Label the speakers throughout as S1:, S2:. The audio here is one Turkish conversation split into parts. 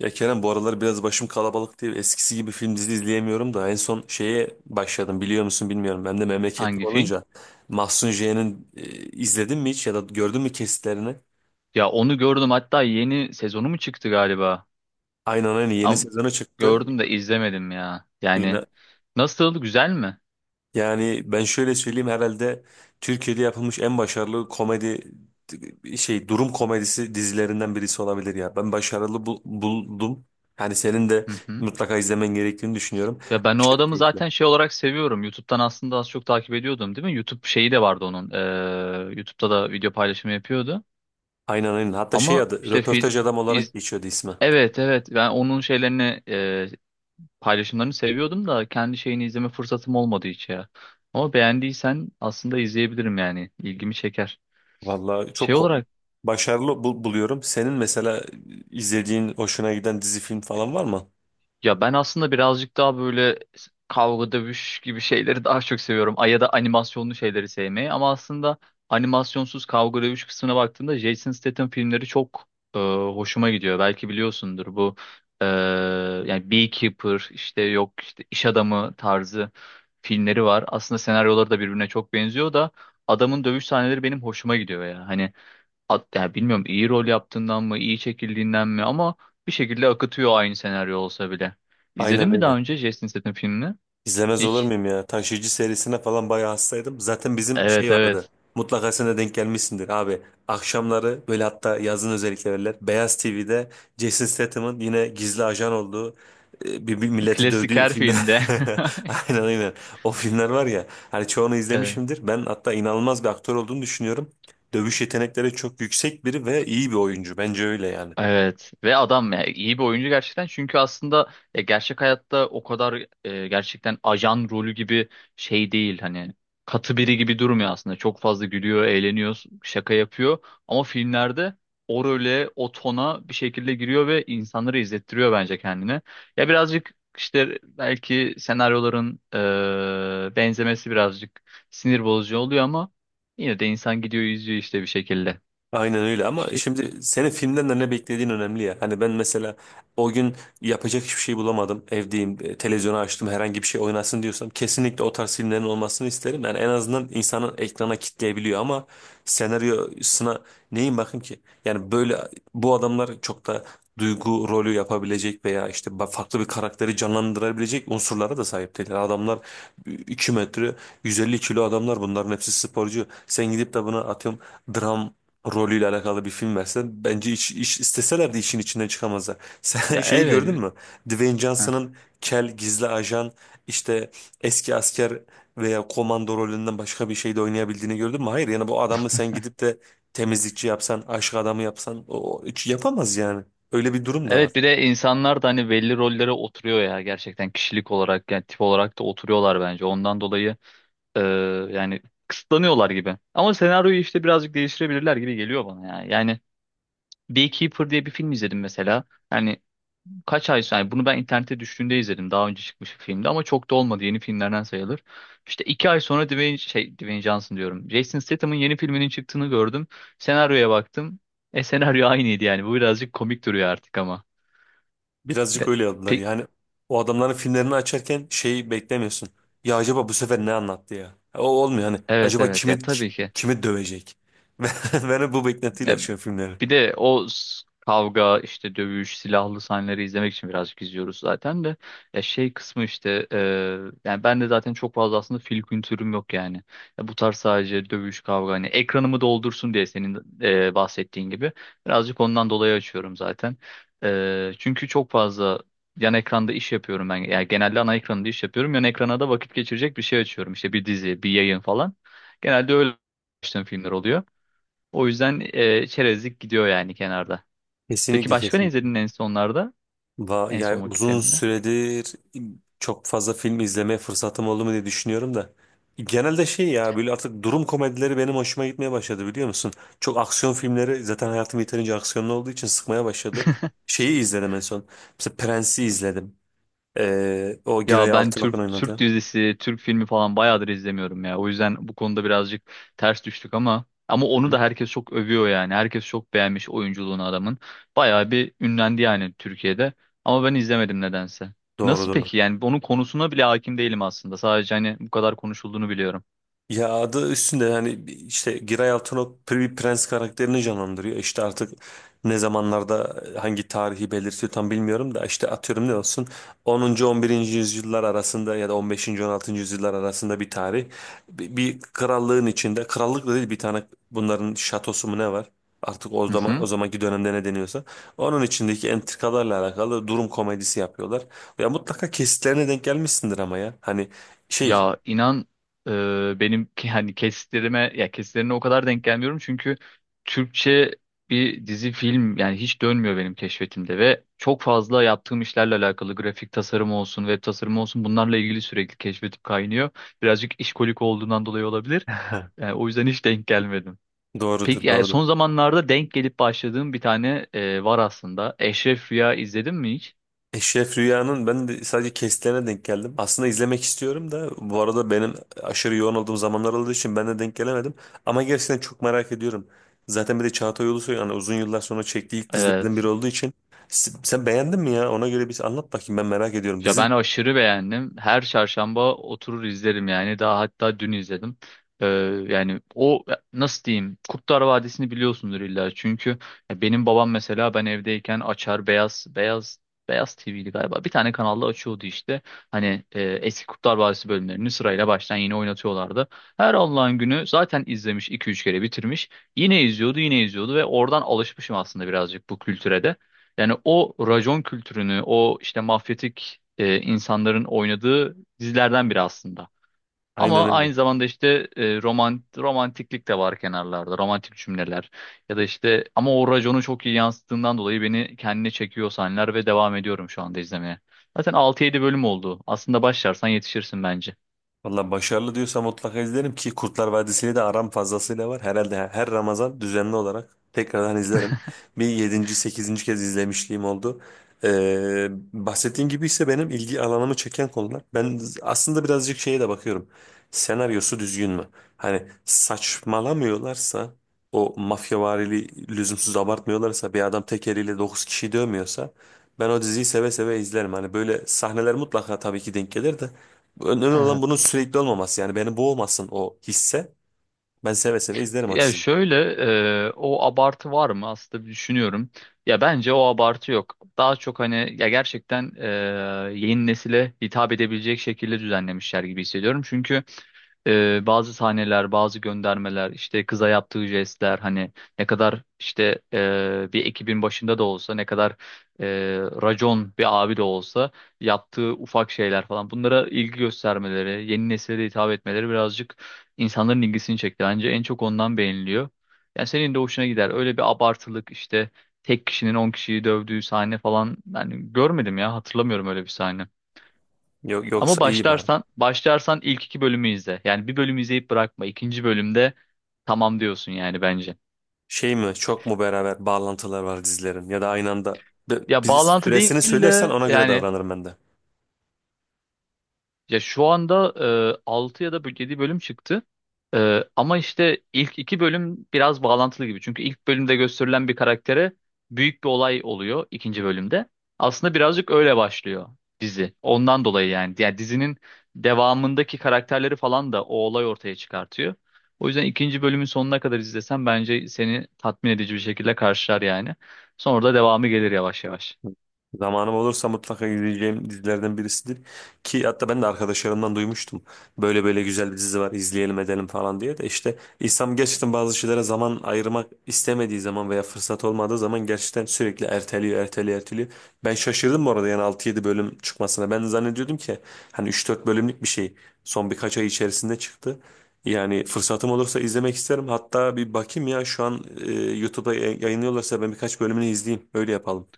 S1: Ya Kerem bu aralar biraz başım kalabalık değil. Eskisi gibi film dizi izleyemiyorum da en son şeye başladım biliyor musun bilmiyorum. Ben de memleketli
S2: Hangi film?
S1: olunca Mahsun J'nin izledin mi hiç ya da gördün mü kesitlerini?
S2: Ya onu gördüm hatta yeni sezonu mu çıktı galiba?
S1: Aynen aynen, yeni
S2: Ama
S1: sezonu çıktı.
S2: gördüm de izlemedim ya. Yani
S1: Yine,
S2: nasıl güzel mi?
S1: yani ben şöyle söyleyeyim herhalde Türkiye'de yapılmış en başarılı komedi şey durum komedisi dizilerinden birisi olabilir ya. Ben başarılı buldum. Yani senin de
S2: Hı hı.
S1: mutlaka izlemen gerektiğini düşünüyorum.
S2: Ya ben o
S1: Aşırı
S2: adamı
S1: keyifli.
S2: zaten şey olarak seviyorum. YouTube'dan aslında az çok takip ediyordum değil mi? YouTube şeyi de vardı onun. YouTube'da da video paylaşımı yapıyordu.
S1: Aynen aynen. Hatta şey
S2: Ama
S1: adı
S2: işte
S1: röportaj adam olarak
S2: iz,
S1: geçiyordu ismi.
S2: evet evet ben onun şeylerini paylaşımlarını seviyordum da kendi şeyini izleme fırsatım olmadı hiç ya. Ama beğendiysen aslında izleyebilirim yani. İlgimi çeker.
S1: Vallahi
S2: Şey olarak
S1: başarılı buluyorum. Senin mesela izlediğin hoşuna giden dizi film falan var mı?
S2: Ya ben aslında birazcık daha böyle kavga dövüş gibi şeyleri daha çok seviyorum. Ya da animasyonlu şeyleri sevmeyi. Ama aslında animasyonsuz kavga dövüş kısmına baktığımda Jason Statham filmleri çok hoşuma gidiyor. Belki biliyorsundur bu e, yani Beekeeper işte yok işte iş adamı tarzı filmleri var. Aslında senaryoları da birbirine çok benziyor da adamın dövüş sahneleri benim hoşuma gidiyor ya. Hani yani bilmiyorum iyi rol yaptığından mı, iyi çekildiğinden mi ama bir şekilde akıtıyor aynı senaryo olsa bile. İzledin
S1: Aynen
S2: mi daha
S1: öyle.
S2: önce Jason Statham filmini?
S1: İzlemez olur
S2: Hiç.
S1: muyum ya? Taşıyıcı serisine falan bayağı hastaydım. Zaten bizim
S2: Evet
S1: şey vardı.
S2: evet.
S1: Mutlaka sen de denk gelmişsindir abi. Akşamları böyle hatta yazın özellikle verirler. Beyaz TV'de Jason Statham'ın yine gizli ajan olduğu bir milleti
S2: Klasik
S1: dövdüğü
S2: her
S1: filmler.
S2: filmde.
S1: Aynen aynen. O filmler var ya. Hani çoğunu
S2: Evet.
S1: izlemişimdir. Ben hatta inanılmaz bir aktör olduğunu düşünüyorum. Dövüş yetenekleri çok yüksek biri ve iyi bir oyuncu. Bence öyle yani.
S2: Evet ve adam ya iyi bir oyuncu gerçekten çünkü aslında ya gerçek hayatta o kadar gerçekten ajan rolü gibi şey değil hani katı biri gibi durmuyor aslında çok fazla gülüyor eğleniyor şaka yapıyor ama filmlerde o role o tona bir şekilde giriyor ve insanları izlettiriyor bence kendini ya birazcık işte belki senaryoların benzemesi birazcık sinir bozucu oluyor ama yine de insan gidiyor izliyor işte bir şekilde.
S1: Aynen öyle ama
S2: Şey,
S1: şimdi senin filmden de ne beklediğin önemli ya. Hani ben mesela o gün yapacak hiçbir şey bulamadım. Evdeyim, televizyonu açtım herhangi bir şey oynasın diyorsam kesinlikle o tarz filmlerin olmasını isterim. Yani en azından insanın ekrana kitleyebiliyor ama senaryosuna neyin bakayım ki? Yani böyle bu adamlar çok da duygu rolü yapabilecek veya işte farklı bir karakteri canlandırabilecek unsurlara da sahip değiller. Adamlar 2 metre 150 kilo adamlar bunların hepsi sporcu. Sen gidip de buna atıyorum dram rolüyle alakalı bir film versen bence iş isteseler de işin içinden çıkamazlar. Sen
S2: ya
S1: şeyi gördün
S2: evet.
S1: mü? Dwayne
S2: Heh.
S1: Johnson'ın kel gizli ajan işte eski asker veya komando rolünden başka bir şeyde oynayabildiğini gördün mü? Hayır yani bu adamı sen gidip de temizlikçi yapsan, aşk adamı yapsan o hiç yapamaz yani. Öyle bir durum da var.
S2: Evet bir de insanlar da hani belli rollere oturuyor ya gerçekten kişilik olarak yani tip olarak da oturuyorlar bence. Ondan dolayı e, yani kısıtlanıyorlar gibi. Ama senaryoyu işte birazcık değiştirebilirler gibi geliyor bana ya. Yani Beekeeper diye bir film izledim mesela. Yani kaç ay sonra yani bunu ben internette düştüğünde izledim. Daha önce çıkmış bir filmdi ama çok da olmadı. Yeni filmlerden sayılır. İşte 2 ay sonra Dwayne Johnson diyorum. Jason Statham'ın yeni filminin çıktığını gördüm. Senaryoya baktım. E senaryo aynıydı yani. Bu birazcık komik duruyor artık ama.
S1: Birazcık
S2: De-
S1: öyle yaptılar
S2: pe-
S1: yani. O adamların filmlerini açarken şeyi beklemiyorsun. Ya acaba bu sefer ne anlattı ya? O olmuyor hani.
S2: evet
S1: Acaba
S2: evet ya tabii ki.
S1: kimi dövecek? Ben, ben hep bu beklentiyle
S2: Ya
S1: açıyorum filmleri.
S2: bir de o kavga işte dövüş silahlı sahneleri izlemek için birazcık izliyoruz zaten de ya şey kısmı işte yani ben de zaten çok fazla aslında film kültürüm yok yani ya bu tarz sadece dövüş kavga hani ekranımı doldursun diye senin bahsettiğin gibi birazcık ondan dolayı açıyorum zaten. Çünkü çok fazla yan ekranda iş yapıyorum ben yani genelde ana ekranda iş yapıyorum yan ekrana da vakit geçirecek bir şey açıyorum işte bir dizi bir yayın falan genelde öyle açtığım filmler oluyor. O yüzden çerezlik gidiyor yani kenarda. Peki
S1: Kesinlikle
S2: başka ne
S1: kesinlikle.
S2: izledin en sonlarda? En
S1: Yani
S2: son
S1: uzun
S2: vakitlerinde?
S1: süredir çok fazla film izlemeye fırsatım oldu mu diye düşünüyorum da. Genelde şey ya böyle artık durum komedileri benim hoşuma gitmeye başladı biliyor musun? Çok aksiyon filmleri zaten hayatım yeterince aksiyonlu olduğu için sıkmaya başladı. Şeyi izledim en son. Mesela Prens'i izledim. O Giray
S2: Ya ben
S1: Altınok'un
S2: Türk
S1: oynadı.
S2: dizisi, Türk filmi falan bayağıdır izlemiyorum ya. O yüzden bu konuda birazcık ters düştük ama
S1: Hı
S2: onu
S1: hı.
S2: da herkes çok övüyor yani. Herkes çok beğenmiş oyunculuğunu adamın. Bayağı bir ünlendi yani Türkiye'de. Ama ben izlemedim nedense.
S1: Doğru
S2: Nasıl
S1: doğru.
S2: peki? Yani onun konusuna bile hakim değilim aslında. Sadece hani bu kadar konuşulduğunu biliyorum.
S1: Ya adı üstünde yani işte Giray Altunok bir prens karakterini canlandırıyor. İşte artık ne zamanlarda hangi tarihi belirtiyor tam bilmiyorum da işte atıyorum ne olsun 10. 11. yüzyıllar arasında ya da 15. 16. yüzyıllar arasında bir tarih. Bir krallığın içinde krallık da değil bir tane bunların şatosu mu ne var? Artık
S2: Hı
S1: o
S2: hı.
S1: zamanki dönemde ne deniyorsa onun içindeki entrikalarla alakalı durum komedisi yapıyorlar. Ya mutlaka kesitlerine denk gelmişsindir ama ya. Hani şey.
S2: Ya inan benim hani kesitlerime ya kesitlerine o kadar denk gelmiyorum çünkü Türkçe bir dizi film yani hiç dönmüyor benim keşfetimde ve çok fazla yaptığım işlerle alakalı grafik tasarım olsun web tasarımı olsun bunlarla ilgili sürekli keşfetip kaynıyor. Birazcık işkolik olduğundan dolayı olabilir. Yani o yüzden hiç denk gelmedim.
S1: Doğrudur,
S2: Peki yani
S1: doğrudur.
S2: son zamanlarda denk gelip başladığım bir tane var aslında. Eşref Rüya izledin mi hiç?
S1: Eşref Rüya'nın ben de sadece kesitlerine denk geldim. Aslında izlemek istiyorum da bu arada benim aşırı yoğun olduğum zamanlar olduğu için ben de denk gelemedim. Ama gerçekten çok merak ediyorum. Zaten bir de Çağatay Ulusoy yani uzun yıllar sonra çektiği ilk dizilerden
S2: Evet.
S1: biri olduğu için. Sen beğendin mi ya? Ona göre bir anlat bakayım ben merak ediyorum.
S2: Ya
S1: Dizi
S2: ben aşırı beğendim. Her çarşamba oturur izlerim yani. Daha hatta dün izledim. Ee, yani o nasıl diyeyim? Kurtlar Vadisi'ni biliyorsundur illa. Çünkü ya benim babam mesela ben evdeyken açar beyaz TV'li galiba. Bir tane kanalda açıyordu işte. Hani eski Kurtlar Vadisi bölümlerini sırayla baştan yine oynatıyorlardı. Her Allah'ın günü zaten izlemiş iki üç kere bitirmiş. Yine izliyordu, yine izliyordu ve oradan alışmışım aslında birazcık bu kültüre de. Yani o racon kültürünü, o işte mafyatik insanların oynadığı dizilerden biri aslında.
S1: aynen
S2: Ama
S1: öyle.
S2: aynı zamanda işte romantiklik de var kenarlarda, romantik cümleler. Ya da işte ama o raconu çok iyi yansıttığından dolayı beni kendine çekiyor sahneler ve devam ediyorum şu anda izlemeye. Zaten altı yedi bölüm oldu. Aslında başlarsan yetişirsin bence.
S1: Valla başarılı diyorsa mutlaka izlerim ki Kurtlar Vadisi'yle de aram fazlasıyla var. Herhalde her Ramazan düzenli olarak tekrardan izlerim. Bir 7. 8. kez izlemişliğim oldu. Bahsettiğin gibi ise benim ilgi alanımı çeken konular. Ben aslında birazcık şeye de bakıyorum. Senaryosu düzgün mü? Hani saçmalamıyorlarsa o mafyavari lüzumsuz abartmıyorlarsa bir adam tek eliyle 9 kişi dövmüyorsa ben o diziyi seve seve izlerim. Hani böyle sahneler mutlaka tabii ki denk gelir de önemli olan bunun sürekli olmaması. Yani beni boğmasın o hisse. Ben seve seve izlerim o
S2: Ya
S1: diziyi.
S2: şöyle o abartı var mı aslında bir düşünüyorum. Ya bence o abartı yok. Daha çok hani ya gerçekten yeni nesile hitap edebilecek şekilde düzenlemişler gibi hissediyorum. Çünkü bazı sahneler, bazı göndermeler, işte kıza yaptığı jestler hani ne kadar işte bir ekibin başında da olsa ne kadar e, racon bir abi de olsa yaptığı ufak şeyler falan bunlara ilgi göstermeleri, yeni nesile de hitap etmeleri birazcık İnsanların ilgisini çekti anca. En çok ondan beğeniliyor. Yani senin de hoşuna gider. Öyle bir abartılık işte tek kişinin 10 kişiyi dövdüğü sahne falan yani görmedim ya hatırlamıyorum öyle bir sahne.
S1: Yok,
S2: Ama
S1: yoksa iyi bari.
S2: başlarsan başlarsan ilk iki bölümü izle. Yani bir bölümü izleyip bırakma. İkinci bölümde tamam diyorsun yani bence.
S1: Şey mi çok mu beraber bağlantılar var dizilerin ya da aynı anda
S2: Ya
S1: bizi
S2: bağlantı
S1: süresini
S2: değil
S1: söylersen
S2: de
S1: ona göre
S2: yani.
S1: davranırım ben de.
S2: Ya şu anda 6 ya da 7 bölüm çıktı. Ama işte ilk iki bölüm biraz bağlantılı gibi. Çünkü ilk bölümde gösterilen bir karaktere büyük bir olay oluyor ikinci bölümde. Aslında birazcık öyle başlıyor dizi. Ondan dolayı yani. Yani dizinin devamındaki karakterleri falan da o olay ortaya çıkartıyor. O yüzden ikinci bölümün sonuna kadar izlesen bence seni tatmin edici bir şekilde karşılar yani. Sonra da devamı gelir yavaş yavaş.
S1: Zamanım olursa mutlaka izleyeceğim dizilerden birisidir. Ki hatta ben de arkadaşlarımdan duymuştum. Böyle böyle güzel bir dizi var izleyelim edelim falan diye de işte insan gerçekten bazı şeylere zaman ayırmak istemediği zaman veya fırsat olmadığı zaman gerçekten sürekli erteliyor, erteliyor, erteliyor. Ben şaşırdım bu arada yani 6 7 bölüm çıkmasına. Ben zannediyordum ki hani 3 4 bölümlük bir şey son birkaç ay içerisinde çıktı. Yani fırsatım olursa izlemek isterim. Hatta bir bakayım ya şu an YouTube'da yayınlıyorlarsa ben birkaç bölümünü izleyeyim. Öyle yapalım.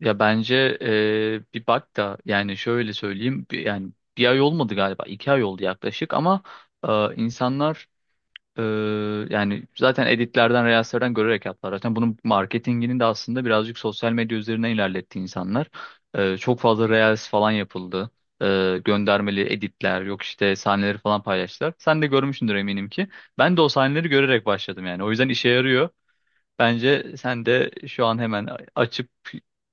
S2: Ya bence bir bak da yani şöyle söyleyeyim yani bir ay olmadı galiba 2 ay oldu yaklaşık ama insanlar eee, yani zaten editlerden reelslerden görerek yaptılar. Zaten bunun marketingini de aslında birazcık sosyal medya üzerine ilerletti insanlar. Çok fazla reels falan yapıldı. Göndermeli editler yok işte sahneleri falan paylaştılar. Sen de görmüşsündür eminim ki. Ben de o sahneleri görerek başladım yani. O yüzden işe yarıyor. Bence sen de şu an hemen açıp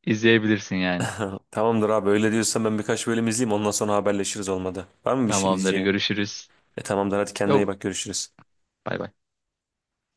S2: izleyebilirsin yani.
S1: Tamamdır abi öyle diyorsan ben birkaç bölüm izleyeyim ondan sonra haberleşiriz olmadı. Var mı bir şey
S2: Tamamdır,
S1: diyeceğin?
S2: görüşürüz.
S1: E tamamdır hadi kendine iyi
S2: Yok,
S1: bak görüşürüz.
S2: bay bay.